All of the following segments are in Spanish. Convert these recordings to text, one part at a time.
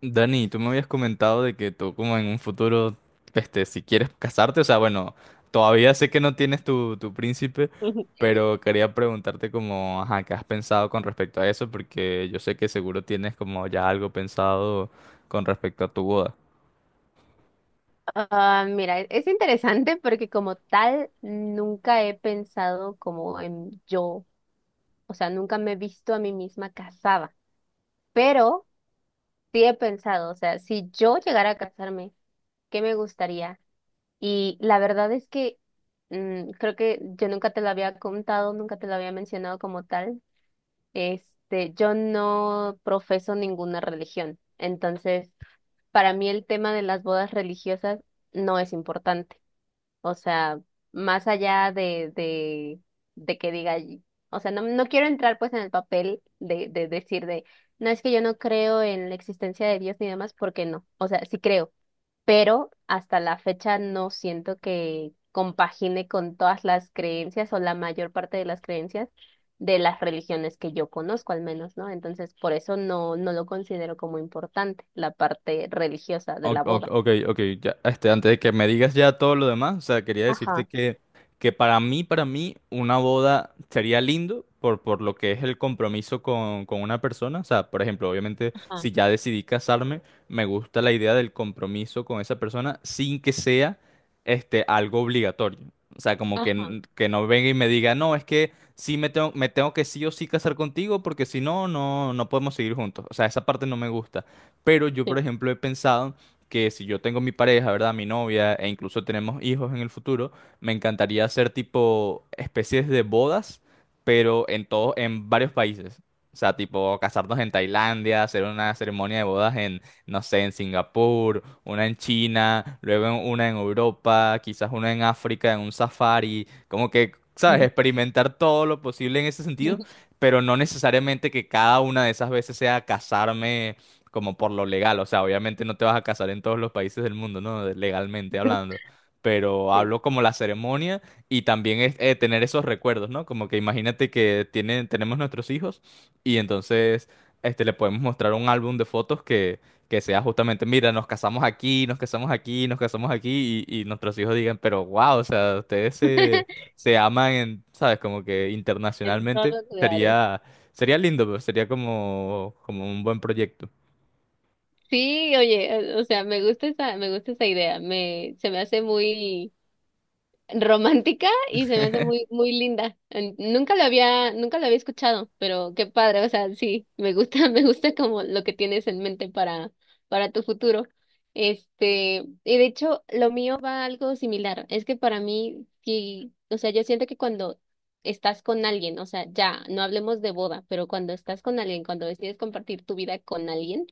Dani, tú me habías comentado de que tú como en un futuro, si quieres casarte, o sea, bueno, todavía sé que no tienes tu príncipe, pero quería preguntarte como, ajá, ¿qué has pensado con respecto a eso? Porque yo sé que seguro tienes como ya algo pensado con respecto a tu boda. Ah, mira, es interesante porque como tal nunca he pensado como en yo, o sea, nunca me he visto a mí misma casada, pero sí he pensado, o sea, si yo llegara a casarme, ¿qué me gustaría? Y la verdad es que creo que yo nunca te lo había contado, nunca te lo había mencionado como tal. Este, yo no profeso ninguna religión, entonces para mí el tema de las bodas religiosas no es importante. O sea, más allá de que o sea, no, no quiero entrar pues en el papel de decir de, no es que yo no creo en la existencia de Dios ni demás, porque no, o sea, sí creo, pero hasta la fecha no siento que compagine con todas las creencias o la mayor parte de las creencias de las religiones que yo conozco al menos, ¿no? Entonces, por eso no, no lo considero como importante, la parte religiosa de la boda. Ok, ok, ya, antes de que me digas ya todo lo demás, o sea, quería decirte Ajá, que para mí, una boda sería lindo por lo que es el compromiso con una persona, o sea, por ejemplo, obviamente, si ajá, ya decidí casarme, me gusta la idea del compromiso con esa persona sin que sea, algo obligatorio, o sea, como que, ajá, que no venga y me diga, no, es que sí me tengo que sí o sí casar contigo porque si no, no podemos seguir juntos, o sea, esa parte no me gusta, pero yo, por sí, ejemplo, he pensado que si yo tengo mi pareja, ¿verdad? Mi novia, e incluso tenemos hijos en el futuro, me encantaría hacer tipo especies de bodas, pero en todo, en varios países. O sea, tipo casarnos en Tailandia, hacer una ceremonia de bodas en, no sé, en Singapur, una en China, luego una en Europa, quizás una en África, en un safari, como que, ¿sabes? ujú, Experimentar todo lo posible en ese sentido, pero no necesariamente que cada una de esas veces sea casarme como por lo legal, o sea, obviamente no te vas a casar en todos los países del mundo, ¿no? Legalmente hablando, pero sí. hablo como la ceremonia y también es tener esos recuerdos, ¿no? Como que imagínate que tienen, tenemos nuestros hijos y entonces, le podemos mostrar un álbum de fotos que, sea justamente, mira, nos casamos aquí, nos casamos aquí, nos casamos aquí y nuestros hijos digan, pero wow, o sea, ustedes se, se aman, en, ¿sabes? Como que En todos internacionalmente los lugares. sería... Sería lindo, pero sería como un buen proyecto. Sí, oye, o sea, me gusta esa idea, me, se me hace muy romántica y se me hace muy, muy linda. Nunca lo había, nunca lo había escuchado, pero qué padre, o sea, sí, me gusta, me gusta como lo que tienes en mente para tu futuro. Este, y de hecho, lo mío va algo similar. Es que para mí, sí, o sea, yo siento que cuando estás con alguien, o sea, ya, no hablemos de boda, pero cuando estás con alguien, cuando decides compartir tu vida con alguien,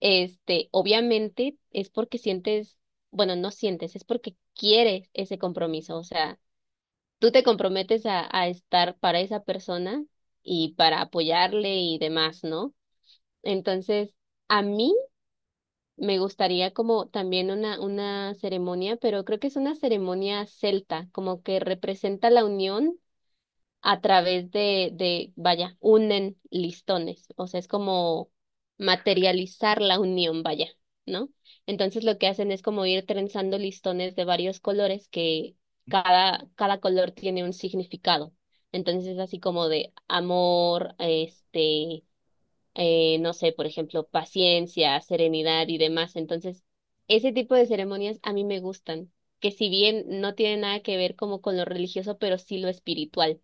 este, obviamente es porque sientes, bueno, no sientes, es porque quieres ese compromiso. O sea, tú te comprometes a estar para esa persona y para apoyarle y demás, ¿no? Entonces, a mí me gustaría como también una ceremonia, pero creo que es una ceremonia celta, como que representa la unión a través vaya, unen listones, o sea, es como materializar la unión, vaya, ¿no? Entonces lo que hacen es como ir trenzando listones de varios colores que cada color tiene un significado. Entonces es así como de amor, este, no sé, por ejemplo, paciencia, serenidad y demás. Entonces, ese tipo de ceremonias a mí me gustan, que si bien no tiene nada que ver como con lo religioso, pero sí lo espiritual.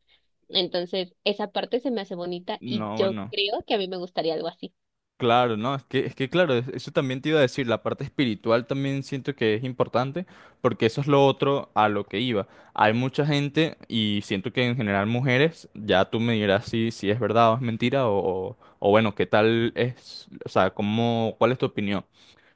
Entonces, esa parte se me hace bonita y No, yo bueno, creo que a mí me gustaría algo así. claro, no, es que claro, eso también te iba a decir, la parte espiritual también siento que es importante, porque eso es lo otro a lo que iba. Hay mucha gente, y siento que en general mujeres, ya tú me dirás si, es verdad o es mentira, o bueno, qué tal es, o sea, cómo, cuál es tu opinión,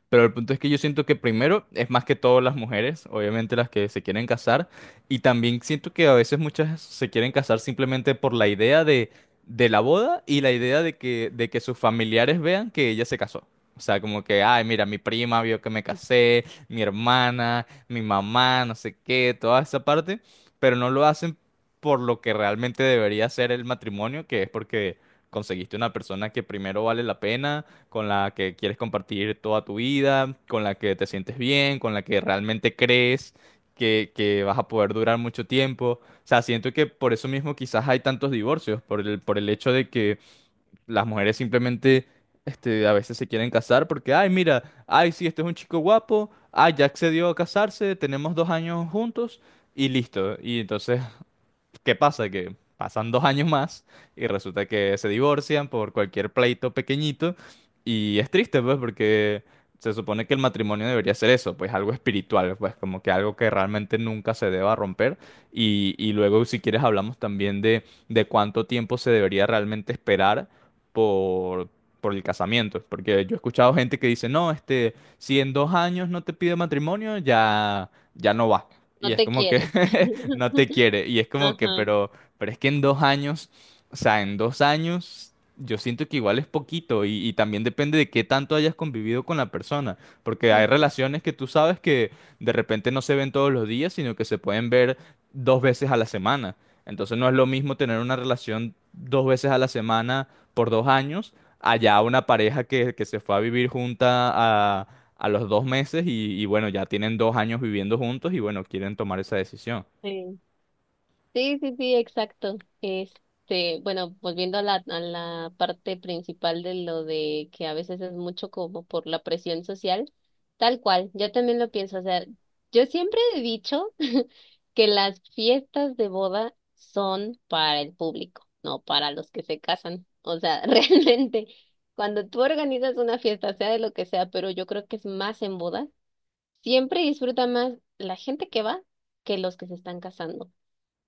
pero el punto es que yo siento que primero es más que todo las mujeres, obviamente las que se quieren casar, y también siento que a veces muchas se quieren casar simplemente por la idea de, la boda y la idea de que sus familiares vean que ella se casó. O sea, como que, ay, mira, mi prima vio que me casé, mi hermana, mi mamá, no sé qué, toda esa parte, pero no lo hacen por lo que realmente debería ser el matrimonio, que es porque conseguiste una persona que primero vale la pena con la que quieres compartir toda tu vida, con la que te sientes bien, con la que realmente crees que, vas a poder durar mucho tiempo. O sea, siento que por eso mismo quizás hay tantos divorcios, por el hecho de que las mujeres simplemente, a veces se quieren casar porque, ay, mira, ay, sí, este es un chico guapo, ay, ya accedió a casarse, tenemos 2 años juntos. Y listo. Y entonces, ¿qué pasa? Que pasan 2 años más y resulta que se divorcian por cualquier pleito pequeñito y es triste, pues, porque se supone que el matrimonio debería ser eso, pues algo espiritual, pues como que algo que realmente nunca se deba romper y, luego si quieres hablamos también de cuánto tiempo se debería realmente esperar por... por el casamiento, porque yo he escuchado gente que dice, no, si en 2 años no te pide matrimonio, ya, ya no va. Y No es te como que quiere. no te quiere. Y es como que, Ajá. pero, es que en 2 años, o sea, en 2 años, yo siento que igual es poquito y también depende de qué tanto hayas convivido con la persona, porque hay relaciones que tú sabes que de repente no se ven todos los días, sino que se pueden ver 2 veces a la semana. Entonces no es lo mismo tener una relación 2 veces a la semana por 2 años, allá una pareja que, se fue a vivir junta a a los 2 meses y bueno, ya tienen 2 años viviendo juntos y bueno, quieren tomar esa decisión. Sí. Sí, sí, sí, exacto. Este, bueno, volviendo a a la parte principal de lo de que a veces es mucho como por la presión social, tal cual, yo también lo pienso, o sea, yo siempre he dicho que las fiestas de boda son para el público, no para los que se casan. O sea, realmente, cuando tú organizas una fiesta, sea de lo que sea, pero yo creo que es más en boda, siempre disfruta más la gente que va que los que se están casando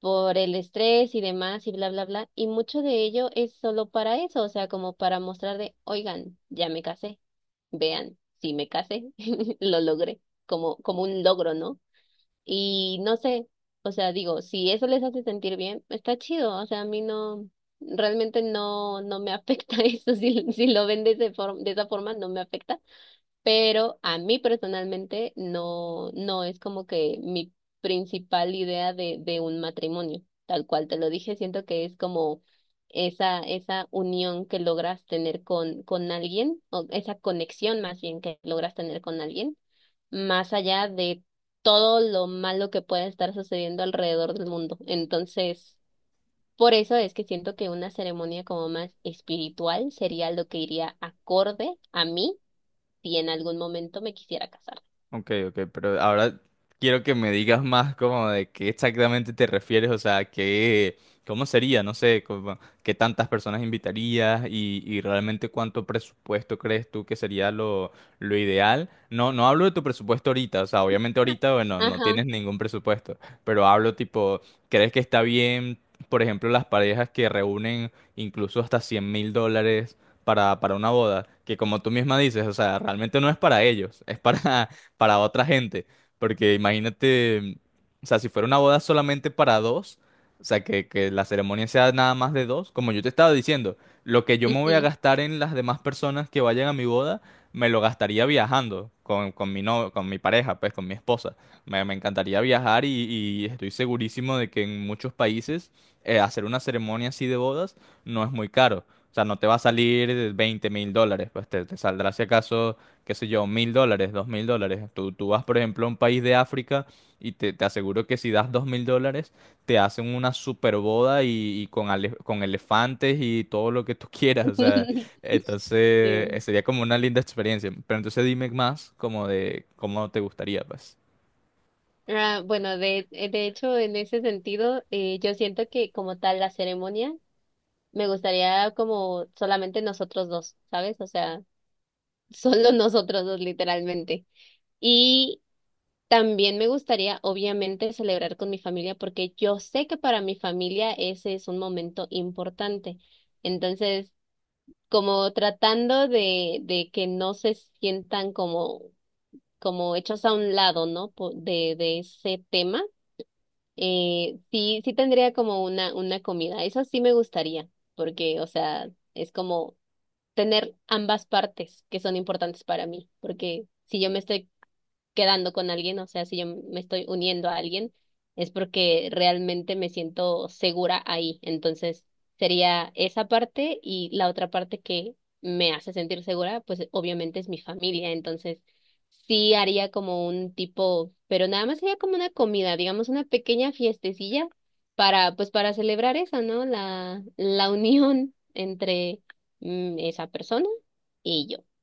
por el estrés y demás y bla, bla, bla. Y mucho de ello es solo para eso, o sea, como para mostrar de, oigan, ya me casé, vean, si me casé, lo logré, como, como un logro, ¿no? Y no sé, o sea, digo, si eso les hace sentir bien, está chido, o sea, a mí no, realmente no, no me afecta eso, si, si lo ven de, de esa forma, no me afecta, pero a mí personalmente no, no es como que mi principal idea de un matrimonio, tal cual te lo dije, siento que es como esa unión que logras tener con alguien, o esa conexión más bien que logras tener con alguien, más allá de todo lo malo que pueda estar sucediendo alrededor del mundo. Entonces, por eso es que siento que una ceremonia como más espiritual sería lo que iría acorde a mí si en algún momento me quisiera casar. Ok, ok, pero ahora quiero que me digas más como de qué exactamente te refieres, o sea, qué, cómo sería, no sé, como, qué tantas personas invitarías y, realmente cuánto presupuesto crees tú que sería lo ideal. No, no hablo de tu presupuesto ahorita, o sea, obviamente ahorita, bueno, no Ajá, tienes ningún presupuesto, pero hablo tipo, ¿crees que está bien, por ejemplo, las parejas que reúnen incluso hasta $100,000 para, una boda? Que como tú misma dices, o sea, realmente no es para ellos, es para otra gente. Porque imagínate, o sea, si fuera una boda solamente para dos, o sea, que la ceremonia sea nada más de dos, como yo te estaba diciendo, lo que yo me voy a ujú. gastar en las demás personas que vayan a mi boda, me lo gastaría viajando con mi no, con mi pareja, pues con mi esposa. Me, encantaría viajar y estoy segurísimo de que en muchos países, hacer una ceremonia así de bodas no es muy caro. O sea, no te va a salir $20,000, pues te, saldrá si acaso qué sé yo, $1,000, $2,000. Tú, vas, por ejemplo, a un país de África y te aseguro que si das $2,000, te hacen una super boda y con elefantes y todo lo que tú quieras. O sea, entonces, Sí. sería como una linda experiencia. Pero entonces dime más como de cómo te gustaría, pues. Ah, bueno, de hecho, en ese sentido, yo siento que como tal la ceremonia me gustaría como solamente nosotros dos, ¿sabes? O sea, solo nosotros dos literalmente. Y también me gustaría, obviamente, celebrar con mi familia porque yo sé que para mi familia ese es un momento importante. Entonces, como tratando de que no se sientan como como hechos a un lado, ¿no? De ese tema, sí, sí tendría como una comida. Eso sí me gustaría, porque, o sea, es como tener ambas partes que son importantes para mí, porque si yo me estoy quedando con alguien, o sea, si yo me estoy uniendo a alguien, es porque realmente me siento segura ahí. Entonces, sería esa parte y la otra parte que me hace sentir segura, pues obviamente es mi familia. Entonces, sí haría como un tipo, pero nada más sería como una comida, digamos, una pequeña fiestecilla para, pues para celebrar eso, ¿no? La unión entre esa persona y yo.